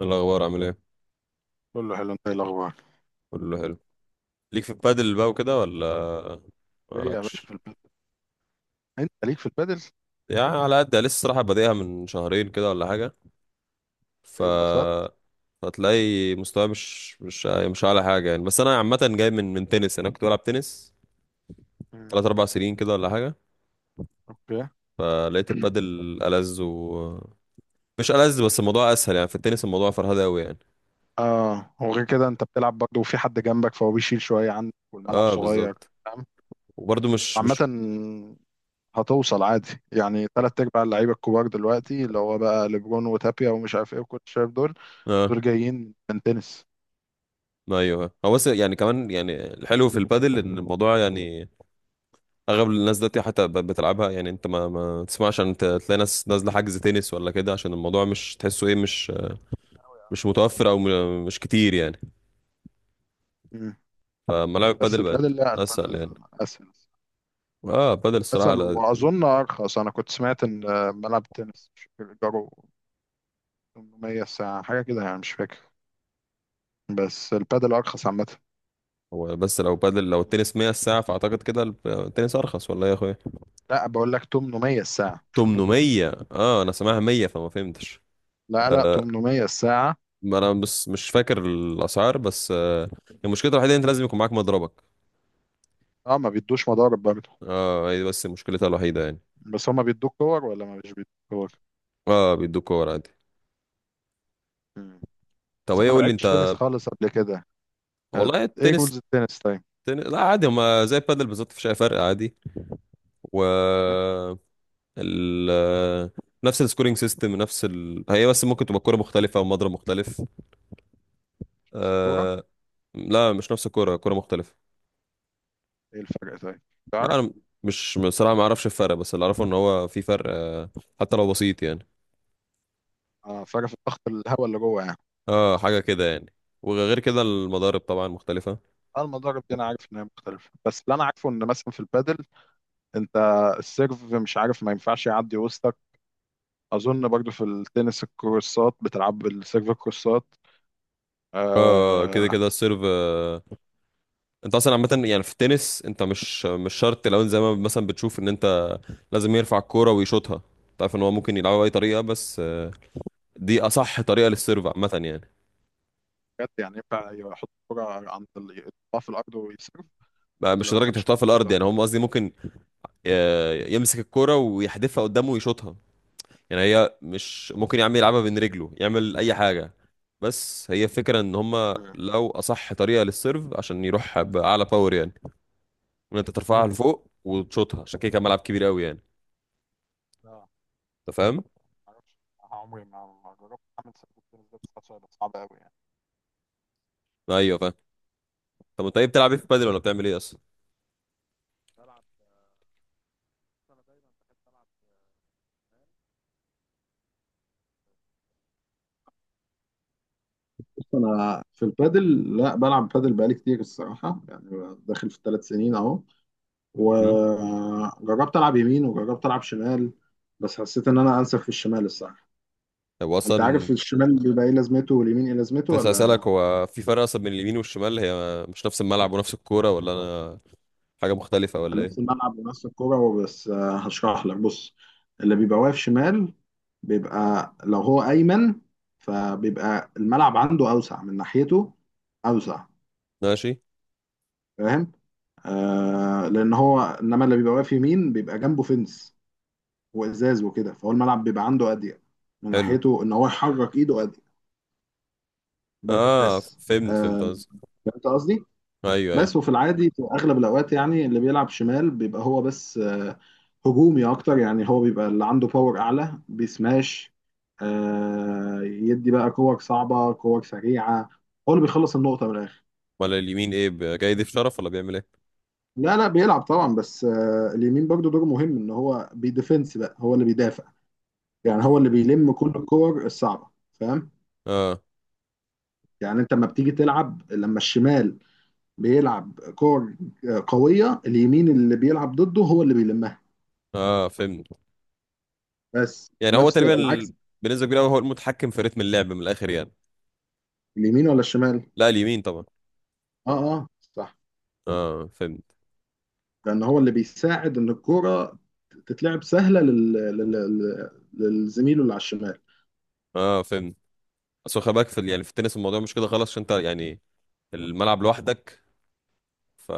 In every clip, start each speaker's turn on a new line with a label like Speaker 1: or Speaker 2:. Speaker 1: الأخبار عامل إيه؟
Speaker 2: كله حلو، انت ايه الاخبار؟
Speaker 1: كله حلو. ليك في البادل بقى وكده ولا
Speaker 2: ايه يا باشا
Speaker 1: مالكش؟
Speaker 2: في البدل. انت ليك في البدل؟
Speaker 1: يعني على قد يعني، لسه الصراحة بادئها من شهرين كده ولا حاجة. ف
Speaker 2: ايه، انبسطت؟
Speaker 1: هتلاقي مستواي مش أعلى حاجة يعني. بس أنا عامة جاي من تنس، أنا كنت بلعب تنس
Speaker 2: مم.
Speaker 1: تلات أربع سنين كده ولا حاجة.
Speaker 2: اوكي.
Speaker 1: فلقيت البادل ألذ، مش ألذ بس الموضوع أسهل يعني. في التنس الموضوع فرهدة أوي يعني.
Speaker 2: اه، وغير كده انت بتلعب برضه وفي حد جنبك، فهو بيشيل شويه عنك والملعب
Speaker 1: اه
Speaker 2: صغير.
Speaker 1: بالظبط.
Speaker 2: فاهم؟
Speaker 1: وبرده مش
Speaker 2: عامه،
Speaker 1: مش
Speaker 2: هتوصل عادي، يعني تلات ارباع اللعيبه الكبار دلوقتي، اللي هو بقى ليبرون وتابيا ومش عارف ايه وكل، شايف دول؟
Speaker 1: اه
Speaker 2: دول جايين من تنس.
Speaker 1: ايوه، هو بس يعني كمان يعني الحلو في البادل ان الموضوع يعني اغلب الناس دلوقتي حتى بتلعبها يعني. انت ما تسمعش عشان تلاقي ناس نازله حجز تنس ولا كده، عشان الموضوع مش تحسه ايه، مش متوفر او مش كتير يعني.
Speaker 2: مم.
Speaker 1: فملاعب
Speaker 2: بس
Speaker 1: بادل بقت
Speaker 2: البادل، لا،
Speaker 1: اسهل يعني.
Speaker 2: البادل اسهل.
Speaker 1: اه بادل الصراحه
Speaker 2: اسهل، واظن ارخص. انا كنت سمعت ان ملعب التنس، مش فاكر، ايجاره 800 الساعة، حاجة كده يعني، مش فاكر. بس البادل أرخص عامة.
Speaker 1: هو بس لو بادل لو التنس 100 الساعه فاعتقد كده التنس ارخص ولا ايه يا اخويا؟
Speaker 2: لا، بقول لك 800 الساعة.
Speaker 1: 800، اه انا سامعها 100 فما فهمتش.
Speaker 2: لا، لا،
Speaker 1: آه.
Speaker 2: 800 الساعة.
Speaker 1: ما انا بس مش فاكر الاسعار بس آه. المشكله الوحيده إن انت لازم يكون معاك مضربك.
Speaker 2: اه، ما بيدوش مضارب برضه؟
Speaker 1: اه هي دي بس مشكلتها الوحيده يعني.
Speaker 2: بس هما بيدوك كور ولا ما مش بيدوك كور؟
Speaker 1: اه بيدوك كور عادي.
Speaker 2: مم.
Speaker 1: طب
Speaker 2: بس
Speaker 1: ايه
Speaker 2: انا ما
Speaker 1: قول لي انت.
Speaker 2: لعبتش تنس خالص قبل كده. آه.
Speaker 1: والله
Speaker 2: ايه
Speaker 1: التنس
Speaker 2: رولز التنس طيب؟
Speaker 1: لا عادي، هما زي البادل بالظبط مفيش اي فرق عادي. و
Speaker 2: مم.
Speaker 1: ال... نفس السكورينج سيستم، نفس هي بس ممكن تبقى كرة مختلفة ومضرب مختلف.
Speaker 2: بس الكورة.
Speaker 1: آه... لا مش نفس الكرة، كرة مختلفة.
Speaker 2: ايه الفرق طيب؟
Speaker 1: لا،
Speaker 2: تعرف؟
Speaker 1: انا مش بصراحة ما اعرفش الفرق، بس اللي اعرفه ان هو في فرق حتى لو بسيط يعني.
Speaker 2: اه، فرق في الضغط الهواء اللي جوه يعني.
Speaker 1: اه حاجة كده يعني. وغير كده
Speaker 2: مم.
Speaker 1: المضارب طبعا مختلفة.
Speaker 2: اه، المضارب دي انا عارف ان هي مختلفة، بس اللي انا عارفه ان مثلا في البادل انت. السيرف، مش عارف، ما ينفعش يعدي وسطك. اظن برضو في التنس الكورسات بتلعب بالسيرف الكورسات.
Speaker 1: اه كده
Speaker 2: آه.
Speaker 1: كده السيرف انت اصلا عامة يعني في التنس انت مش شرط. لو انت زي ما مثلا بتشوف ان انت لازم يرفع الكوره ويشوطها، تعرف ان هو ممكن يلعبها باي طريقه، بس دي اصح طريقه للسيرف عامه يعني.
Speaker 2: بجد؟ يعني ينفع يحط الكرة عند يحطها في الارض ويسيرف؟
Speaker 1: بقى
Speaker 2: ولا
Speaker 1: مش
Speaker 2: ما
Speaker 1: لدرجه
Speaker 2: ينفعش
Speaker 1: يحطها في
Speaker 2: تحط في
Speaker 1: الارض
Speaker 2: الارض؟
Speaker 1: يعني، هم قصدي ممكن يمسك الكوره ويحدفها قدامه ويشوطها. يعني هي مش ممكن يا عم يلعبها بين رجله يعمل اي حاجه، بس هي فكرة ان هم
Speaker 2: مم.
Speaker 1: لو اصح طريقة للسيرف عشان يروح باعلى باور يعني، ان انت ترفعها
Speaker 2: مم.
Speaker 1: لفوق وتشوطها. عشان كده كان ملعب كبير قوي يعني.
Speaker 2: لا،
Speaker 1: انت فاهم.
Speaker 2: معرفش. عمري ما جربت اعمل سيرف التنس ده، بس حاسه هيبقى صعب قوي يعني.
Speaker 1: ايوه فاهم. طب انت ايه بتلعب ايه في
Speaker 2: بس.
Speaker 1: البادل ولا بتعمل ايه اصلا؟
Speaker 2: بلعب. بس انا دايما بحب العب. بص، انا في البادل، لا، بلعب بادل بقالي كتير الصراحه، يعني داخل في الثلاث سنين اهو.
Speaker 1: امم.
Speaker 2: وجربت العب يمين، وجربت العب شمال. بس حسيت ان انا انسب في الشمال الصراحه.
Speaker 1: طب
Speaker 2: انت
Speaker 1: اصلا
Speaker 2: عارف الشمال بيبقى ايه لازمته واليمين ايه
Speaker 1: كنت
Speaker 2: لازمته
Speaker 1: لسه
Speaker 2: ولا؟
Speaker 1: هسألك، هو في فرق أصلا بين اليمين والشمال؟ هي مش نفس الملعب ونفس الكورة، ولا أنا حاجة مختلفة ولا
Speaker 2: نفس
Speaker 1: إيه؟
Speaker 2: الملعب ونفس الكوره. وبس، هشرح لك. بص. اللي بيبقى واقف شمال، بيبقى لو هو ايمن، فبيبقى الملعب عنده اوسع من ناحيته. اوسع.
Speaker 1: ماشي.
Speaker 2: فاهم؟ لان هو، انما اللي بيبقى واقف يمين بيبقى جنبه فنس وازاز وكده، فهو الملعب بيبقى عنده اضيق من
Speaker 1: حلو.
Speaker 2: ناحيته، ان هو يحرك ايده اضيق.
Speaker 1: آه
Speaker 2: بس،
Speaker 1: فهمت
Speaker 2: آه
Speaker 1: فهمت قصدي.
Speaker 2: فهمت قصدي.
Speaker 1: أيوه أيوه.
Speaker 2: بس وفي العادي في اغلب الاوقات، يعني اللي بيلعب شمال بيبقى هو بس هجومي اكتر. يعني هو بيبقى اللي عنده باور اعلى، بيسماش، يدي بقى كور صعبه كور سريعه. هو اللي بيخلص النقطه من الاخر.
Speaker 1: أمال اليمين إيه، جاي يضيف شرف ولا بيعمل إيه؟
Speaker 2: لا، لا، بيلعب طبعا، بس اليمين برضو دوره مهم، ان هو بيديفنس بقى، هو اللي بيدافع. يعني هو
Speaker 1: مم.
Speaker 2: اللي بيلم كل الكور الصعبه. فاهم؟
Speaker 1: آه.
Speaker 2: يعني انت لما بتيجي تلعب، لما الشمال بيلعب كور قويه، اليمين اللي بيلعب ضده هو اللي بيلمها.
Speaker 1: آه فهمت.
Speaker 2: بس،
Speaker 1: يعني هو
Speaker 2: ونفس
Speaker 1: تقريبا
Speaker 2: العكس.
Speaker 1: بنسبة كبيرة أوي هو المتحكم في رتم اللعب من الآخر يعني.
Speaker 2: اليمين ولا الشمال؟
Speaker 1: لا اليمين طبعا.
Speaker 2: اه، اه، صح.
Speaker 1: آه فهمت.
Speaker 2: لان هو اللي بيساعد ان الكرة تتلعب سهلة للزميله اللي على الشمال.
Speaker 1: آه فهمت. أصل خلي بالك في يعني في التنس الموضوع مش كده خالص عشان أنت يعني الملعب لوحدك. ف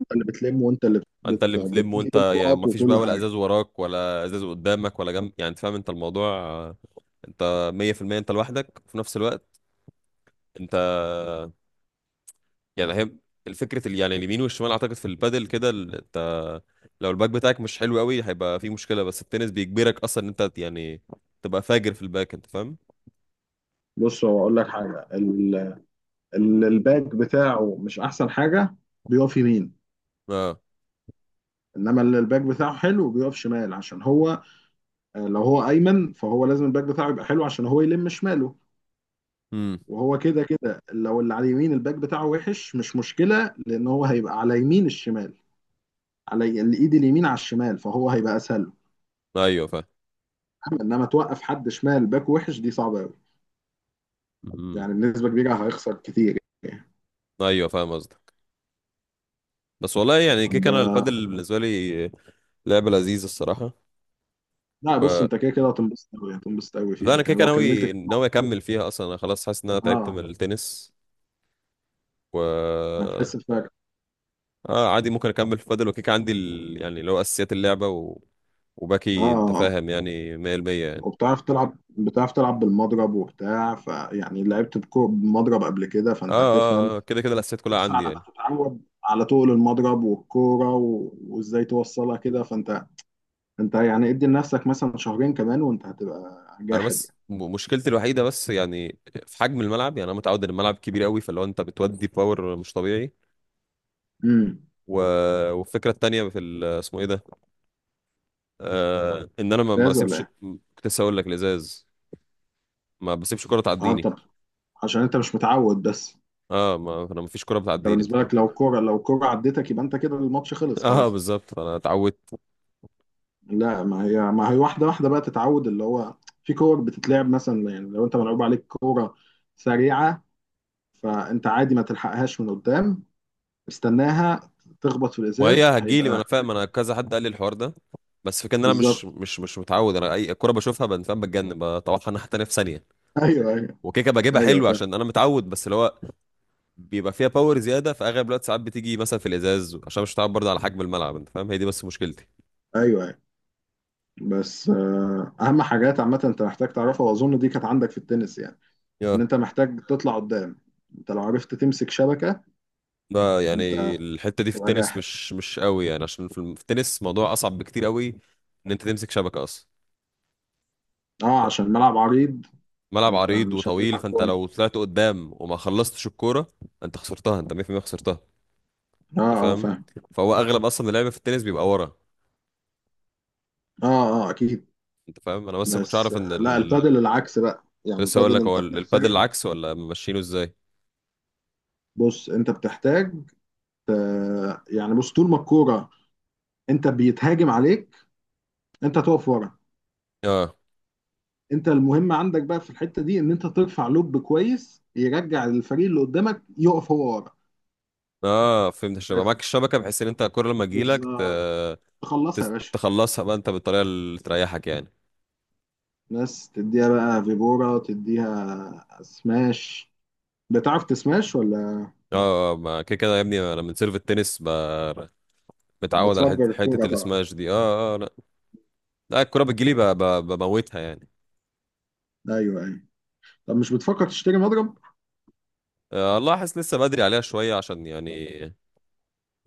Speaker 2: انت اللي بتلم، وانت اللي
Speaker 1: انت اللي بتلم
Speaker 2: بتجيب
Speaker 1: وانت يا ما
Speaker 2: النقط
Speaker 1: فيش
Speaker 2: وكل
Speaker 1: بقى، ولا
Speaker 2: حاجة.
Speaker 1: ازاز وراك ولا ازاز قدامك ولا جنب، يعني انت فاهم انت الموضوع انت 100% انت لوحدك. وفي نفس الوقت انت يعني هي الفكره يعني اليمين والشمال اعتقد في البادل كده انت لو الباك بتاعك مش حلو قوي هيبقى في مشكله. بس التنس بيجبرك اصلا ان انت يعني تبقى فاجر في الباك. انت فاهم.
Speaker 2: بص، هو اقول لك حاجة. الباك بتاعه مش احسن حاجة، بيقف يمين.
Speaker 1: اه.
Speaker 2: انما اللي الباك بتاعه حلو بيقف شمال، عشان هو لو هو ايمن فهو لازم الباك بتاعه يبقى حلو عشان هو يلم شماله.
Speaker 1: امم.
Speaker 2: وهو كده كده لو اللي على اليمين الباك بتاعه وحش مش مشكلة، لأن هو هيبقى على يمين الشمال، على الإيد اليمين على الشمال، فهو هيبقى أسهل له.
Speaker 1: ايوه فاهم.
Speaker 2: إنما توقف حد شمال باك وحش دي صعبة أوي.
Speaker 1: امم.
Speaker 2: يعني بنسبة كبيرة هيخسر كتير يعني.
Speaker 1: ايوه فاهم قصدك. بس والله يعني كيك،
Speaker 2: طب.
Speaker 1: انا البادل بالنسبه لي لعبه لذيذه الصراحه.
Speaker 2: لا، بص، أنت كده كده هتنبسط أوي، هتنبسط أوي
Speaker 1: ده
Speaker 2: فيها
Speaker 1: انا كده
Speaker 2: يعني
Speaker 1: كده
Speaker 2: لو كملت
Speaker 1: ناوي ناوي اكمل فيها اصلا، انا خلاص حاسس ان انا تعبت
Speaker 2: أه.
Speaker 1: من التنس. و
Speaker 2: هتحس بفرق.
Speaker 1: اه عادي، ممكن اكمل في بادل وكيك عندي يعني اللي هو اساسيات اللعبه
Speaker 2: أه.
Speaker 1: وباقي انت
Speaker 2: آه.
Speaker 1: فاهم يعني 100% يعني.
Speaker 2: وبتعرف تلعب، بتعرف تلعب بالمضرب وبتاع، فيعني لعبت بمضرب قبل كده،
Speaker 1: اه
Speaker 2: فأنت هتفهم.
Speaker 1: اه آه، كده كده الاساسيات كلها
Speaker 2: بس
Speaker 1: عندي
Speaker 2: على ما
Speaker 1: يعني.
Speaker 2: تتعود على طول المضرب والكورة وازاي توصلها كده، فانت انت يعني ادي لنفسك مثلا شهرين كمان، وانت هتبقى
Speaker 1: انا
Speaker 2: جاحد
Speaker 1: بس
Speaker 2: يعني.
Speaker 1: مشكلتي الوحيده بس يعني في حجم الملعب. يعني انا متعود ان الملعب كبير قوي، فاللي هو انت بتودي باور مش طبيعي.
Speaker 2: امم.
Speaker 1: و... والفكره التانيه في اسمه ايه ده، آه ان انا ما
Speaker 2: جاهز ولا
Speaker 1: بسيبش.
Speaker 2: ايه؟
Speaker 1: كنت لسه اقول لك، الازاز ما بسيبش كره
Speaker 2: اه،
Speaker 1: تعديني.
Speaker 2: انت عشان انت مش متعود بس.
Speaker 1: اه ما انا مفيش كوره
Speaker 2: انت
Speaker 1: بتعديني انت
Speaker 2: بالنسبة لك،
Speaker 1: فاهم.
Speaker 2: لو الكورة عدتك يبقى انت كده الماتش خلص
Speaker 1: اه
Speaker 2: خلاص.
Speaker 1: بالظبط انا اتعودت.
Speaker 2: لا، ما هي واحدة واحدة بقى تتعود، اللي هو في كور بتتلعب مثلا. يعني لو انت ملعوب عليك كورة سريعة، فانت عادي ما تلحقهاش من قدام. استناها تخبط في
Speaker 1: وهي
Speaker 2: الازاز
Speaker 1: هتجيلي ما
Speaker 2: هيبقى.
Speaker 1: انا فاهم، انا كذا حد قال لي الحوار ده. بس فكان انا مش
Speaker 2: بالظبط.
Speaker 1: مش مش متعود. انا اي كوره بشوفها فاهم، بتجنن بطوحها ناحيه تانيه في ثانيه.
Speaker 2: ايوه، ايوه.
Speaker 1: وكيكه بجيبها
Speaker 2: ايوه
Speaker 1: حلو
Speaker 2: فاهم.
Speaker 1: عشان انا متعود، بس اللي هو بيبقى فيها باور زياده في اغلب الوقت. ساعات بتيجي مثلا في الازاز عشان مش متعود برضه على حجم الملعب، انت فاهم، هي دي بس مشكلتي.
Speaker 2: ايوه، ايوه. بس اهم حاجات عامه انت محتاج تعرفها، واظن دي كانت عندك في التنس يعني. ان
Speaker 1: يا.
Speaker 2: انت محتاج تطلع قدام. انت لو عرفت تمسك شبكه،
Speaker 1: ده يعني
Speaker 2: انت
Speaker 1: الحته دي في
Speaker 2: تبقى
Speaker 1: التنس
Speaker 2: جاحد.
Speaker 1: مش قوي يعني، عشان في في التنس موضوع اصعب بكتير قوي ان انت تمسك شبكه اصلا.
Speaker 2: اه، عشان الملعب عريض.
Speaker 1: ملعب
Speaker 2: انت
Speaker 1: عريض
Speaker 2: مش
Speaker 1: وطويل،
Speaker 2: هتلحق
Speaker 1: فانت
Speaker 2: كوره.
Speaker 1: لو طلعت قدام وما خلصتش الكوره انت خسرتها، انت 100% خسرتها.
Speaker 2: اه،
Speaker 1: انت
Speaker 2: اه،
Speaker 1: فاهم.
Speaker 2: فاهم.
Speaker 1: فهو اغلب اصلا اللعب في التنس بيبقى ورا.
Speaker 2: اه، اه، اكيد.
Speaker 1: انت فاهم، انا بس ما كنتش
Speaker 2: بس
Speaker 1: اعرف ان
Speaker 2: لا، البادل العكس بقى. يعني
Speaker 1: لسه هقول
Speaker 2: البادل
Speaker 1: لك هو
Speaker 2: انت بتحتاج.
Speaker 1: البادل العكس ولا ماشيينه ازاي.
Speaker 2: بص انت بتحتاج يعني، بص، طول ما الكوره انت بيتهاجم عليك، انت تقف ورا.
Speaker 1: اه
Speaker 2: انت المهم عندك بقى في الحته دي، ان انت ترفع لوب كويس يرجع الفريق اللي قدامك يقف هو ورا.
Speaker 1: اه فهمت، الشبكه
Speaker 2: بس.
Speaker 1: معاك الشبكه بحيث ان انت الكوره لما تجيلك
Speaker 2: بالظبط. تخلصها يا باشا.
Speaker 1: تخلصها بقى انت بالطريقه اللي تريحك يعني.
Speaker 2: بس تديها بقى فيبورا، تديها سماش. بتعرف تسماش ولا؟
Speaker 1: اه آه، ما كده كده يا ابني انا من سيرف التنس متعود على
Speaker 2: بتفجر
Speaker 1: حته حته
Speaker 2: الكوره طبعا.
Speaker 1: السماش دي اه اه آه، لا. لا الكوره بتجيلي بموتها يعني.
Speaker 2: ايوه، ايوه. طب مش بتفكر تشتري مضرب؟
Speaker 1: آه، والله حاسس لسه بدري عليها شوية، عشان يعني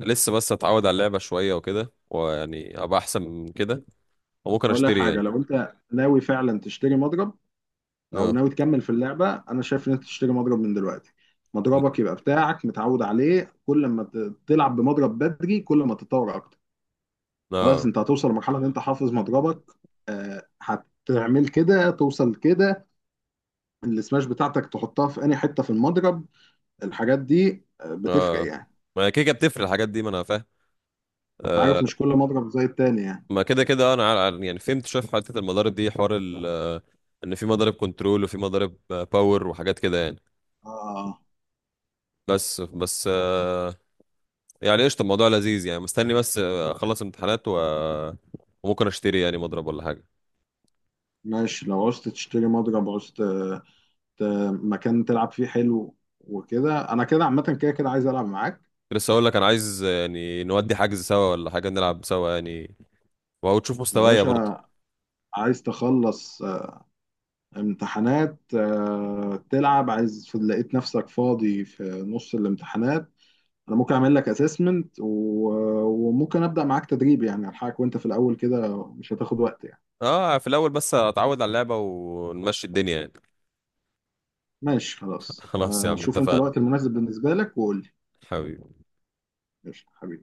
Speaker 1: لسه بس اتعود على اللعبة شوية وكده، ويعني ابقى احسن من كده وممكن
Speaker 2: اقول لك
Speaker 1: اشتري
Speaker 2: حاجه،
Speaker 1: يعني.
Speaker 2: لو انت ناوي فعلا تشتري مضرب، او
Speaker 1: اه
Speaker 2: ناوي تكمل في اللعبه، انا شايف ان انت تشتري مضرب من دلوقتي. مضربك يبقى بتاعك متعود عليه. كل ما تلعب بمضرب بدري، كل ما تتطور اكتر. خلاص،
Speaker 1: اه
Speaker 2: انت هتوصل لمرحله ان انت حافظ مضربك، هتعمل كده توصل كده. السماش بتاعتك تحطها في انهي حته في المضرب، الحاجات دي بتفرق
Speaker 1: اه،
Speaker 2: يعني.
Speaker 1: ما هي كده كده بتفرق الحاجات دي ما انا فاهم.
Speaker 2: انت
Speaker 1: آه
Speaker 2: عارف مش كل مضرب زي التاني يعني.
Speaker 1: ما كده كده انا يعني فهمت شوية في حتة المضارب دي، حوار ال آه، ان في مضارب كنترول وفي مضارب آه، باور وحاجات كده يعني.
Speaker 2: اه.
Speaker 1: بس
Speaker 2: بس.
Speaker 1: آه. يعني قشطة، الموضوع لذيذ يعني. مستني بس آه، اخلص امتحانات وممكن اشتري يعني مضرب ولا حاجة.
Speaker 2: ماشي، لو عوزت تشتري مضرب، عوزت ت- مكان تلعب فيه حلو وكده، انا كده عامه كده كده عايز العب معاك.
Speaker 1: لسه اقول لك، انا عايز يعني نودي حجز سوا ولا حاجه نلعب سوا يعني، وتشوف
Speaker 2: يا
Speaker 1: مستوايا برضه.
Speaker 2: باشا، عايز تخلص امتحانات تلعب، عايز لقيت نفسك فاضي في نص الامتحانات، انا ممكن اعمل لك اسسمنت، وممكن ابدا معاك تدريب، يعني الحقك وانت في الاول كده مش هتاخد وقت يعني.
Speaker 1: اه في الاول بس اتعود على اللعبه ونمشي الدنيا يعني.
Speaker 2: ماشي، خلاص،
Speaker 1: خلاص يا عم
Speaker 2: شوف انت
Speaker 1: اتفقنا.
Speaker 2: الوقت المناسب بالنسبه لك وقول لي.
Speaker 1: حبيبي.
Speaker 2: ماشي حبيبي.